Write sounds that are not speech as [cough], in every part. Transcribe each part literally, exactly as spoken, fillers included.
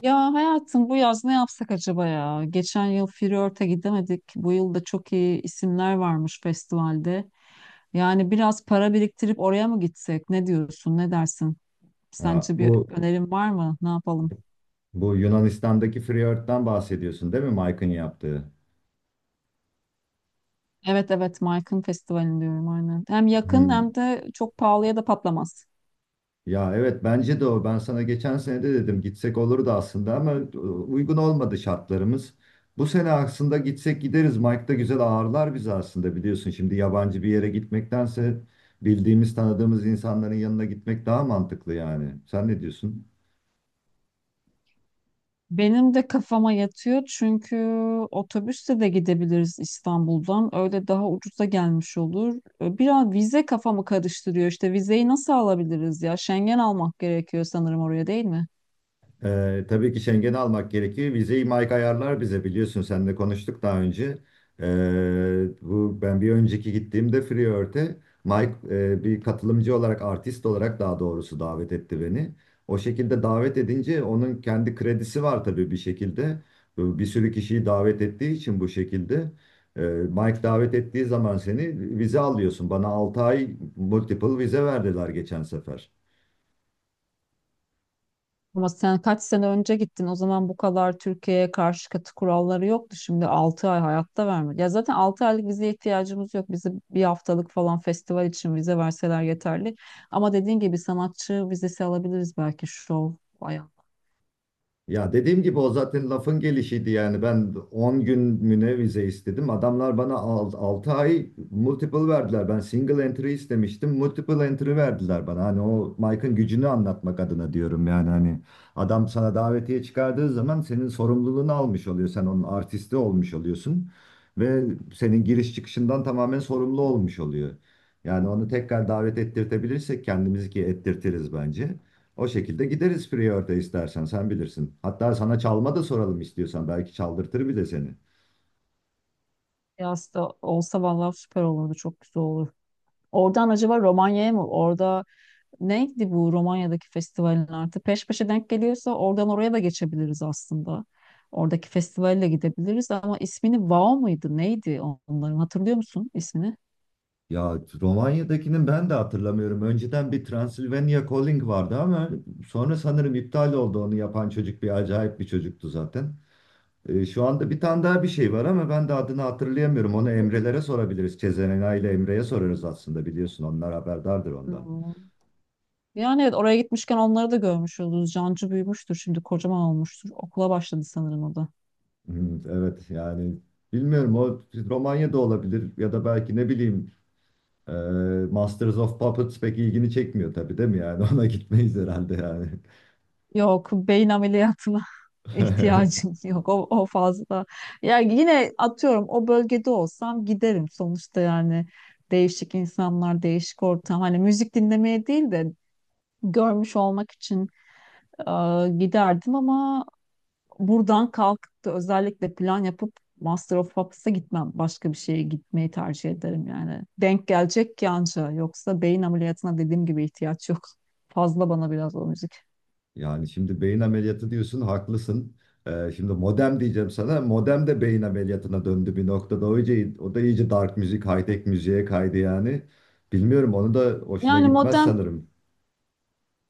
Ya hayatım bu yaz ne yapsak acaba ya? Geçen yıl Flört'e gidemedik. Bu yıl da çok iyi isimler varmış festivalde. Yani biraz para biriktirip oraya mı gitsek? Ne diyorsun? Ne dersin? Ha, Sence bir bu önerin var mı? Ne yapalım? bu Yunanistan'daki Friyort'tan bahsediyorsun değil mi, Mike'ın yaptığı? Evet evet, Mike'ın festivalini diyorum aynen. Hem yakın Hmm. hem de çok pahalıya da patlamaz. Ya evet, bence de o. Ben sana geçen sene de dedim, gitsek olurdu aslında ama e, uygun olmadı şartlarımız. Bu sene aslında gitsek gideriz. Mike da güzel ağırlar bizi aslında, biliyorsun. Şimdi yabancı bir yere gitmektense bildiğimiz tanıdığımız insanların yanına gitmek daha mantıklı yani. Sen ne diyorsun? Benim de kafama yatıyor çünkü otobüsle de gidebiliriz İstanbul'dan. Öyle daha ucuza gelmiş olur. Ee, Biraz vize kafamı karıştırıyor. İşte vizeyi nasıl alabiliriz ya? Schengen almak gerekiyor sanırım oraya, değil mi? Ee, tabii ki Schengen'i almak gerekir. Vizeyi Mike ayarlar bize, biliyorsun. Seninle konuştuk daha önce. Ee, bu ben bir önceki gittiğimde Freeworld'e Mike e, bir katılımcı olarak, artist olarak daha doğrusu davet etti beni. O şekilde davet edince onun kendi kredisi var tabii bir şekilde. Bu bir sürü kişiyi davet ettiği için bu şekilde. Ee, Mike davet ettiği zaman seni vize alıyorsun. Bana altı ay multiple vize verdiler geçen sefer. Ama sen kaç sene önce gittin. O zaman bu kadar Türkiye'ye karşı katı kuralları yoktu. Şimdi altı ay hayatta vermedi. Ya zaten altı aylık vizeye ihtiyacımız yok. Bize bir haftalık falan festival için vize verseler yeterli. Ama dediğin gibi sanatçı vizesi alabiliriz, belki şov. Ya dediğim gibi o zaten lafın gelişiydi yani, ben on gün müne istedim. Adamlar bana altı ay multiple verdiler. Ben single entry istemiştim. Multiple entry verdiler bana. Hani o Mike'ın gücünü anlatmak adına diyorum yani, hani adam sana davetiye çıkardığı zaman senin sorumluluğunu almış oluyor. Sen onun artisti olmuş oluyorsun ve senin giriş çıkışından tamamen sorumlu olmuş oluyor. Yani onu tekrar davet ettirtebilirsek kendimizi, ki ettirtiriz bence. O şekilde gideriz Prior'da, istersen sen bilirsin. Hatta sana çalma da soralım, istiyorsan belki çaldırtır bile seni. Yaz da olsa vallahi süper olurdu. Çok güzel olur. Oradan acaba Romanya'ya mı? Orada neydi bu Romanya'daki festivalin artık? Peş peşe denk geliyorsa oradan oraya da geçebiliriz aslında. Oradaki festivalle gidebiliriz ama ismini Vao mıydı? Neydi onların? Hatırlıyor musun ismini? Ya Romanya'dakinin ben de hatırlamıyorum. Önceden bir Transylvania Calling vardı ama sonra sanırım iptal oldu, onu yapan çocuk bir acayip bir çocuktu zaten. Ee, şu anda bir tane daha bir şey var ama ben de adını hatırlayamıyorum. Onu Emre'lere sorabiliriz. Cezena ile Emre'ye sorarız, aslında biliyorsun onlar haberdardır ondan. Hmm. Yani evet, oraya gitmişken onları da görmüş oluruz. Cancı büyümüştür şimdi, kocaman olmuştur. Okula başladı sanırım o da. Hmm, evet yani bilmiyorum, o Romanya'da olabilir ya da belki ne bileyim, Ee, Masters of Puppets pek ilgini çekmiyor tabii, değil mi yani? [laughs] Ona gitmeyiz herhalde yani. Yok, beyin ameliyatına [laughs] [laughs] ihtiyacım yok, o, o fazla. Yani yine atıyorum, o bölgede olsam giderim sonuçta yani, değişik insanlar, değişik ortam, hani müzik dinlemeye değil de görmüş olmak için e, giderdim ama buradan kalkıp da özellikle plan yapıp Master of Puppets'a gitmem. Başka bir şeye gitmeyi tercih ederim yani. Denk gelecek ki anca. Yoksa beyin ameliyatına dediğim gibi ihtiyaç yok. Fazla bana biraz o müzik. Yani şimdi beyin ameliyatı diyorsun, haklısın. Ee, şimdi modem diyeceğim sana. Modem de beyin ameliyatına döndü bir noktada. O iyice, o da iyice dark müzik, high tech müziğe kaydı yani. Bilmiyorum, onu da hoşuna Yani gitmez modern sanırım.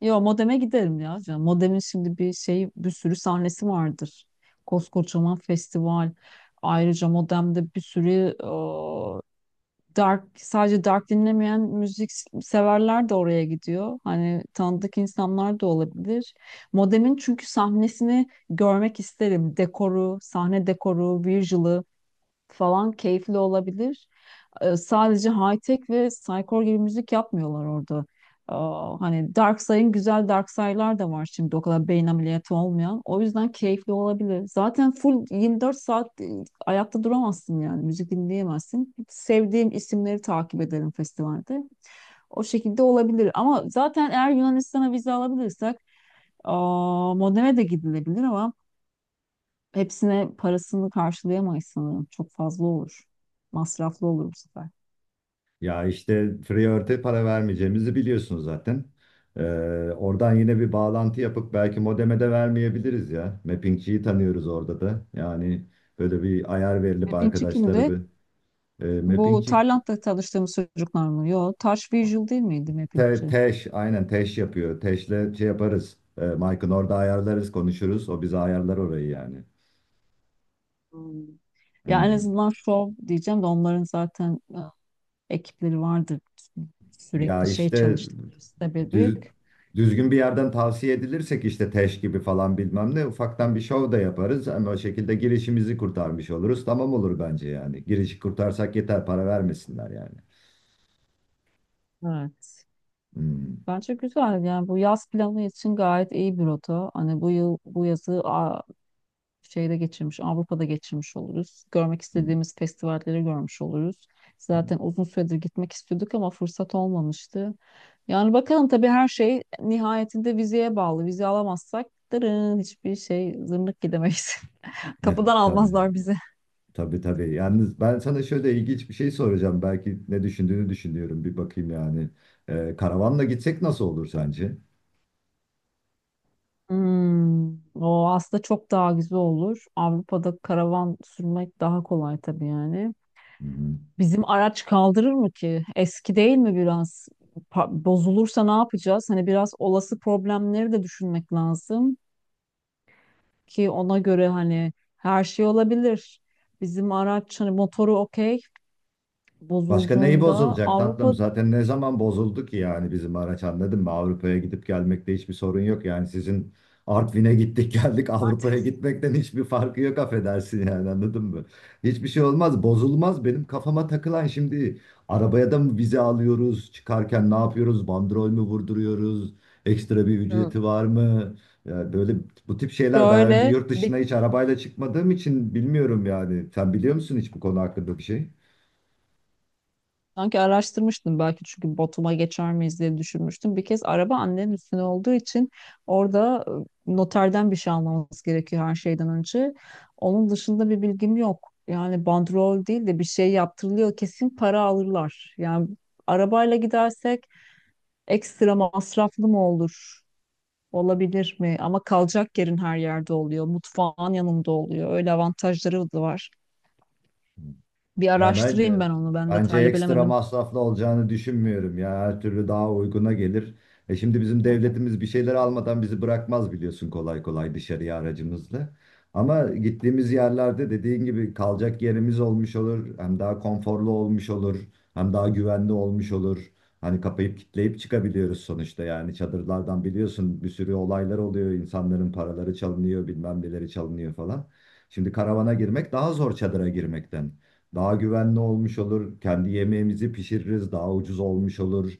Yo, modeme giderim ya canım. Modemin şimdi bir şey, bir sürü sahnesi vardır. Koskocaman festival. Ayrıca modemde bir sürü e, dark, sadece dark dinlemeyen müzik severler de oraya gidiyor. Hani tanıdık insanlar da olabilir. Modemin çünkü sahnesini görmek isterim. Dekoru, sahne dekoru, visual'ı falan keyifli olabilir, e, sadece high-tech ve psycore gibi müzik yapmıyorlar orada. Aa, hani Darksay'ın, güzel Darksay'lar da var şimdi, o kadar beyin ameliyatı olmayan. O yüzden keyifli olabilir. Zaten full yirmi dört saat e, ayakta duramazsın yani, müzik dinleyemezsin. Sevdiğim isimleri takip ederim festivalde. O şekilde olabilir ama zaten eğer Yunanistan'a vize alabilirsek aa, Modene de gidilebilir ama hepsine parasını karşılayamayız sanırım. Çok fazla olur. Masraflı olur bu sefer. Ya işte Freeort'e para vermeyeceğimizi biliyorsunuz zaten. Ee, Oradan yine bir bağlantı yapıp belki modeme de vermeyebiliriz ya. Mappingçiyi tanıyoruz orada da. Yani böyle bir ayar verilip Mappingçi arkadaşlara kimdi? bir e, Bu Mappingçi Tayland'da tanıştığımız çocuklar mı? Yo, Taş Visual değil miydi te, Mappingçi? teş, aynen teş yapıyor. Teşle şey yaparız. E, Mike'ın orada ayarlarız, konuşuruz. O bize ayarlar orayı yani. Hmm. Ya en Hı. azından Show diyeceğim de onların zaten e, ekipleri vardır. Ya Sürekli şey işte çalıştıkları site düz- büyük. düzgün bir yerden tavsiye edilirsek işte Teş gibi falan bilmem ne, ufaktan bir şov da yaparız. Hem o şekilde girişimizi kurtarmış oluruz. Tamam, olur bence yani. Girişi kurtarsak yeter, para vermesinler yani. Evet. Hmm, Bence güzel. Yani bu yaz planı için gayet iyi bir rota. Hani bu yıl bu yazı şeyde geçirmiş, Avrupa'da geçirmiş oluruz. Görmek hmm, istediğimiz festivalleri görmüş oluruz. hmm. Zaten uzun süredir gitmek istiyorduk ama fırsat olmamıştı. Yani bakalım, tabii her şey nihayetinde vizeye bağlı. Vize alamazsak dırın hiçbir şey, zırnık gidemeyiz. [laughs] Ya, Kapıdan tabii. almazlar bizi. Tabii, tabii. Yalnız ben sana şöyle ilginç bir şey soracağım. Belki ne düşündüğünü düşünüyorum. Bir bakayım yani. Ee, karavanla gitsek nasıl olur sence? Hmm, o aslında çok daha güzel olur. Avrupa'da karavan sürmek daha kolay tabii yani. Hı hı. Bizim araç kaldırır mı ki? Eski değil mi biraz? Pa- Bozulursa ne yapacağız? Hani biraz olası problemleri de düşünmek lazım ki ona göre, hani her şey olabilir. Bizim araç hani motoru okey, Başka neyi bozulduğunda bozulacak tatlım? Avrupa Zaten ne zaman bozuldu ki yani bizim araç, anladın mı? Avrupa'ya gidip gelmekte hiçbir sorun yok. Yani sizin Artvin'e gittik [laughs] geldik, Avrupa'ya artık. gitmekten hiçbir farkı yok, affedersin yani, anladın mı? Hiçbir şey olmaz, bozulmaz. Benim kafama takılan, şimdi arabaya da mı vize alıyoruz çıkarken, ne yapıyoruz, bandrol mü vurduruyoruz, ekstra bir Hı. ücreti var mı? Ya böyle bu tip şeyler daha önce şöyle yurt dışına bir hiç arabayla çıkmadığım için bilmiyorum yani, sen biliyor musun hiç bu konu hakkında bir şey? Sanki araştırmıştım belki, çünkü Batum'a geçer miyiz diye düşünmüştüm. Bir kez araba annenin üstüne olduğu için orada e, noterden bir şey almamız gerekiyor her şeyden önce. Onun dışında bir bilgim yok. Yani bandrol değil de bir şey yaptırılıyor kesin, para alırlar. Yani arabayla gidersek ekstra masraflı mı olur? Olabilir mi? Ama kalacak yerin her yerde oluyor. Mutfağın yanında oluyor. Öyle avantajları da var. Bir Ya araştırayım bence ben onu. Ben bence detaylı ekstra bilemedim. masraflı olacağını düşünmüyorum ya. Her türlü daha uyguna gelir. E şimdi bizim devletimiz bir şeyler almadan bizi bırakmaz biliyorsun, kolay kolay dışarıya aracımızla. Ama gittiğimiz yerlerde dediğin gibi kalacak yerimiz olmuş olur. Hem daha konforlu olmuş olur. Hem daha güvenli olmuş olur. Hani kapayıp kitleyip çıkabiliyoruz sonuçta yani, çadırlardan biliyorsun bir sürü olaylar oluyor. İnsanların paraları çalınıyor, bilmem neleri çalınıyor falan. Şimdi karavana girmek daha zor çadıra girmekten. Daha güvenli olmuş olur. Kendi yemeğimizi pişiririz. Daha ucuz olmuş olur.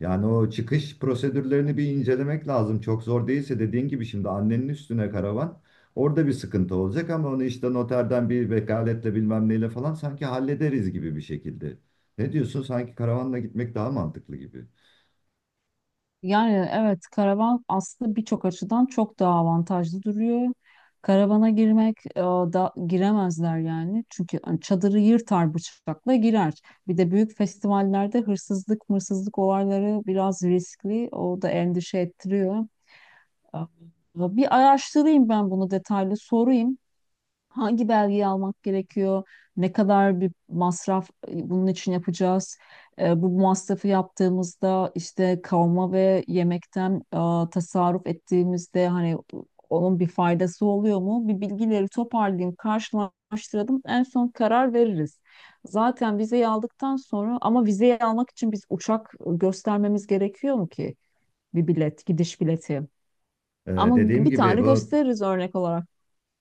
Yani o çıkış prosedürlerini bir incelemek lazım. Çok zor değilse, dediğin gibi şimdi annenin üstüne karavan, orada bir sıkıntı olacak ama onu işte noterden bir vekaletle bilmem neyle falan sanki hallederiz gibi bir şekilde. Ne diyorsun? Sanki karavanla gitmek daha mantıklı gibi. Yani evet, karavan aslında birçok açıdan çok daha avantajlı duruyor. Karavana girmek e, da giremezler yani. Çünkü hani çadırı yırtar, bıçakla girer. Bir de büyük festivallerde hırsızlık, mırsızlık olayları biraz riskli. O da endişe ettiriyor. E, Bir araştırayım ben bunu detaylı, sorayım. Hangi belgeyi almak gerekiyor? Ne kadar bir masraf e, bunun için yapacağız? E, bu masrafı yaptığımızda işte kavma ve yemekten e, tasarruf ettiğimizde hani onun bir faydası oluyor mu? Bir bilgileri toparlayayım, karşılaştıralım. En son karar veririz. Zaten vizeyi aldıktan sonra, ama vizeyi almak için biz uçak göstermemiz gerekiyor mu ki? Bir bilet, gidiş bileti. Ee, Ama dediğim bir gibi tane bu gösteririz örnek olarak.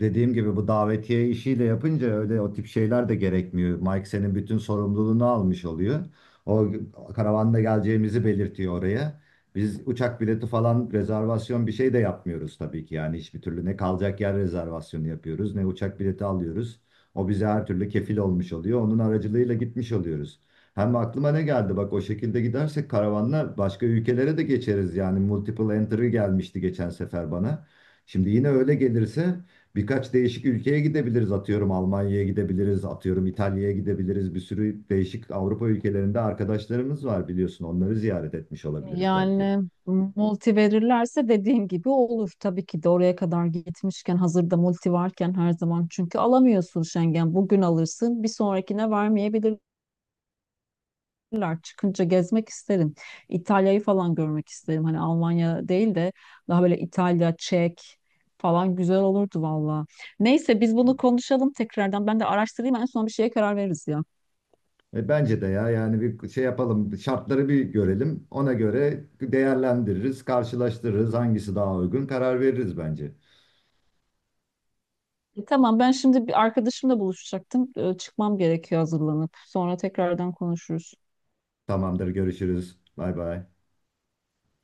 Dediğim gibi bu davetiye işiyle yapınca öyle o tip şeyler de gerekmiyor. Mike senin bütün sorumluluğunu almış oluyor. O karavanda geleceğimizi belirtiyor oraya. Biz uçak bileti falan rezervasyon bir şey de yapmıyoruz tabii ki. Yani hiçbir türlü ne kalacak yer rezervasyonu yapıyoruz ne uçak bileti alıyoruz. O bize her türlü kefil olmuş oluyor. Onun aracılığıyla gitmiş oluyoruz. Hem aklıma ne geldi bak, o şekilde gidersek karavanla başka ülkelere de geçeriz. Yani multiple entry gelmişti geçen sefer bana. Şimdi yine öyle gelirse birkaç değişik ülkeye gidebiliriz, atıyorum Almanya'ya gidebiliriz, atıyorum İtalya'ya gidebiliriz, bir sürü değişik Avrupa ülkelerinde arkadaşlarımız var biliyorsun, onları ziyaret etmiş olabiliriz belki. Yani multi verirlerse dediğin gibi olur. Tabii ki de oraya kadar gitmişken hazırda multi varken, her zaman çünkü alamıyorsun Schengen. Bugün alırsın, bir sonrakine vermeyebilirler. Çıkınca gezmek isterim. İtalya'yı falan görmek isterim. Hani Almanya değil de daha böyle İtalya, Çek falan güzel olurdu valla. Neyse, biz bunu konuşalım tekrardan. Ben de araştırayım, en son bir şeye karar veririz ya. E, bence de ya, yani bir şey yapalım, şartları bir görelim, ona göre değerlendiririz, karşılaştırırız, hangisi daha uygun karar veririz bence. E, tamam, ben şimdi bir arkadaşımla buluşacaktım. E, çıkmam gerekiyor hazırlanıp. Sonra tekrardan konuşuruz. Tamamdır, görüşürüz, bay bay.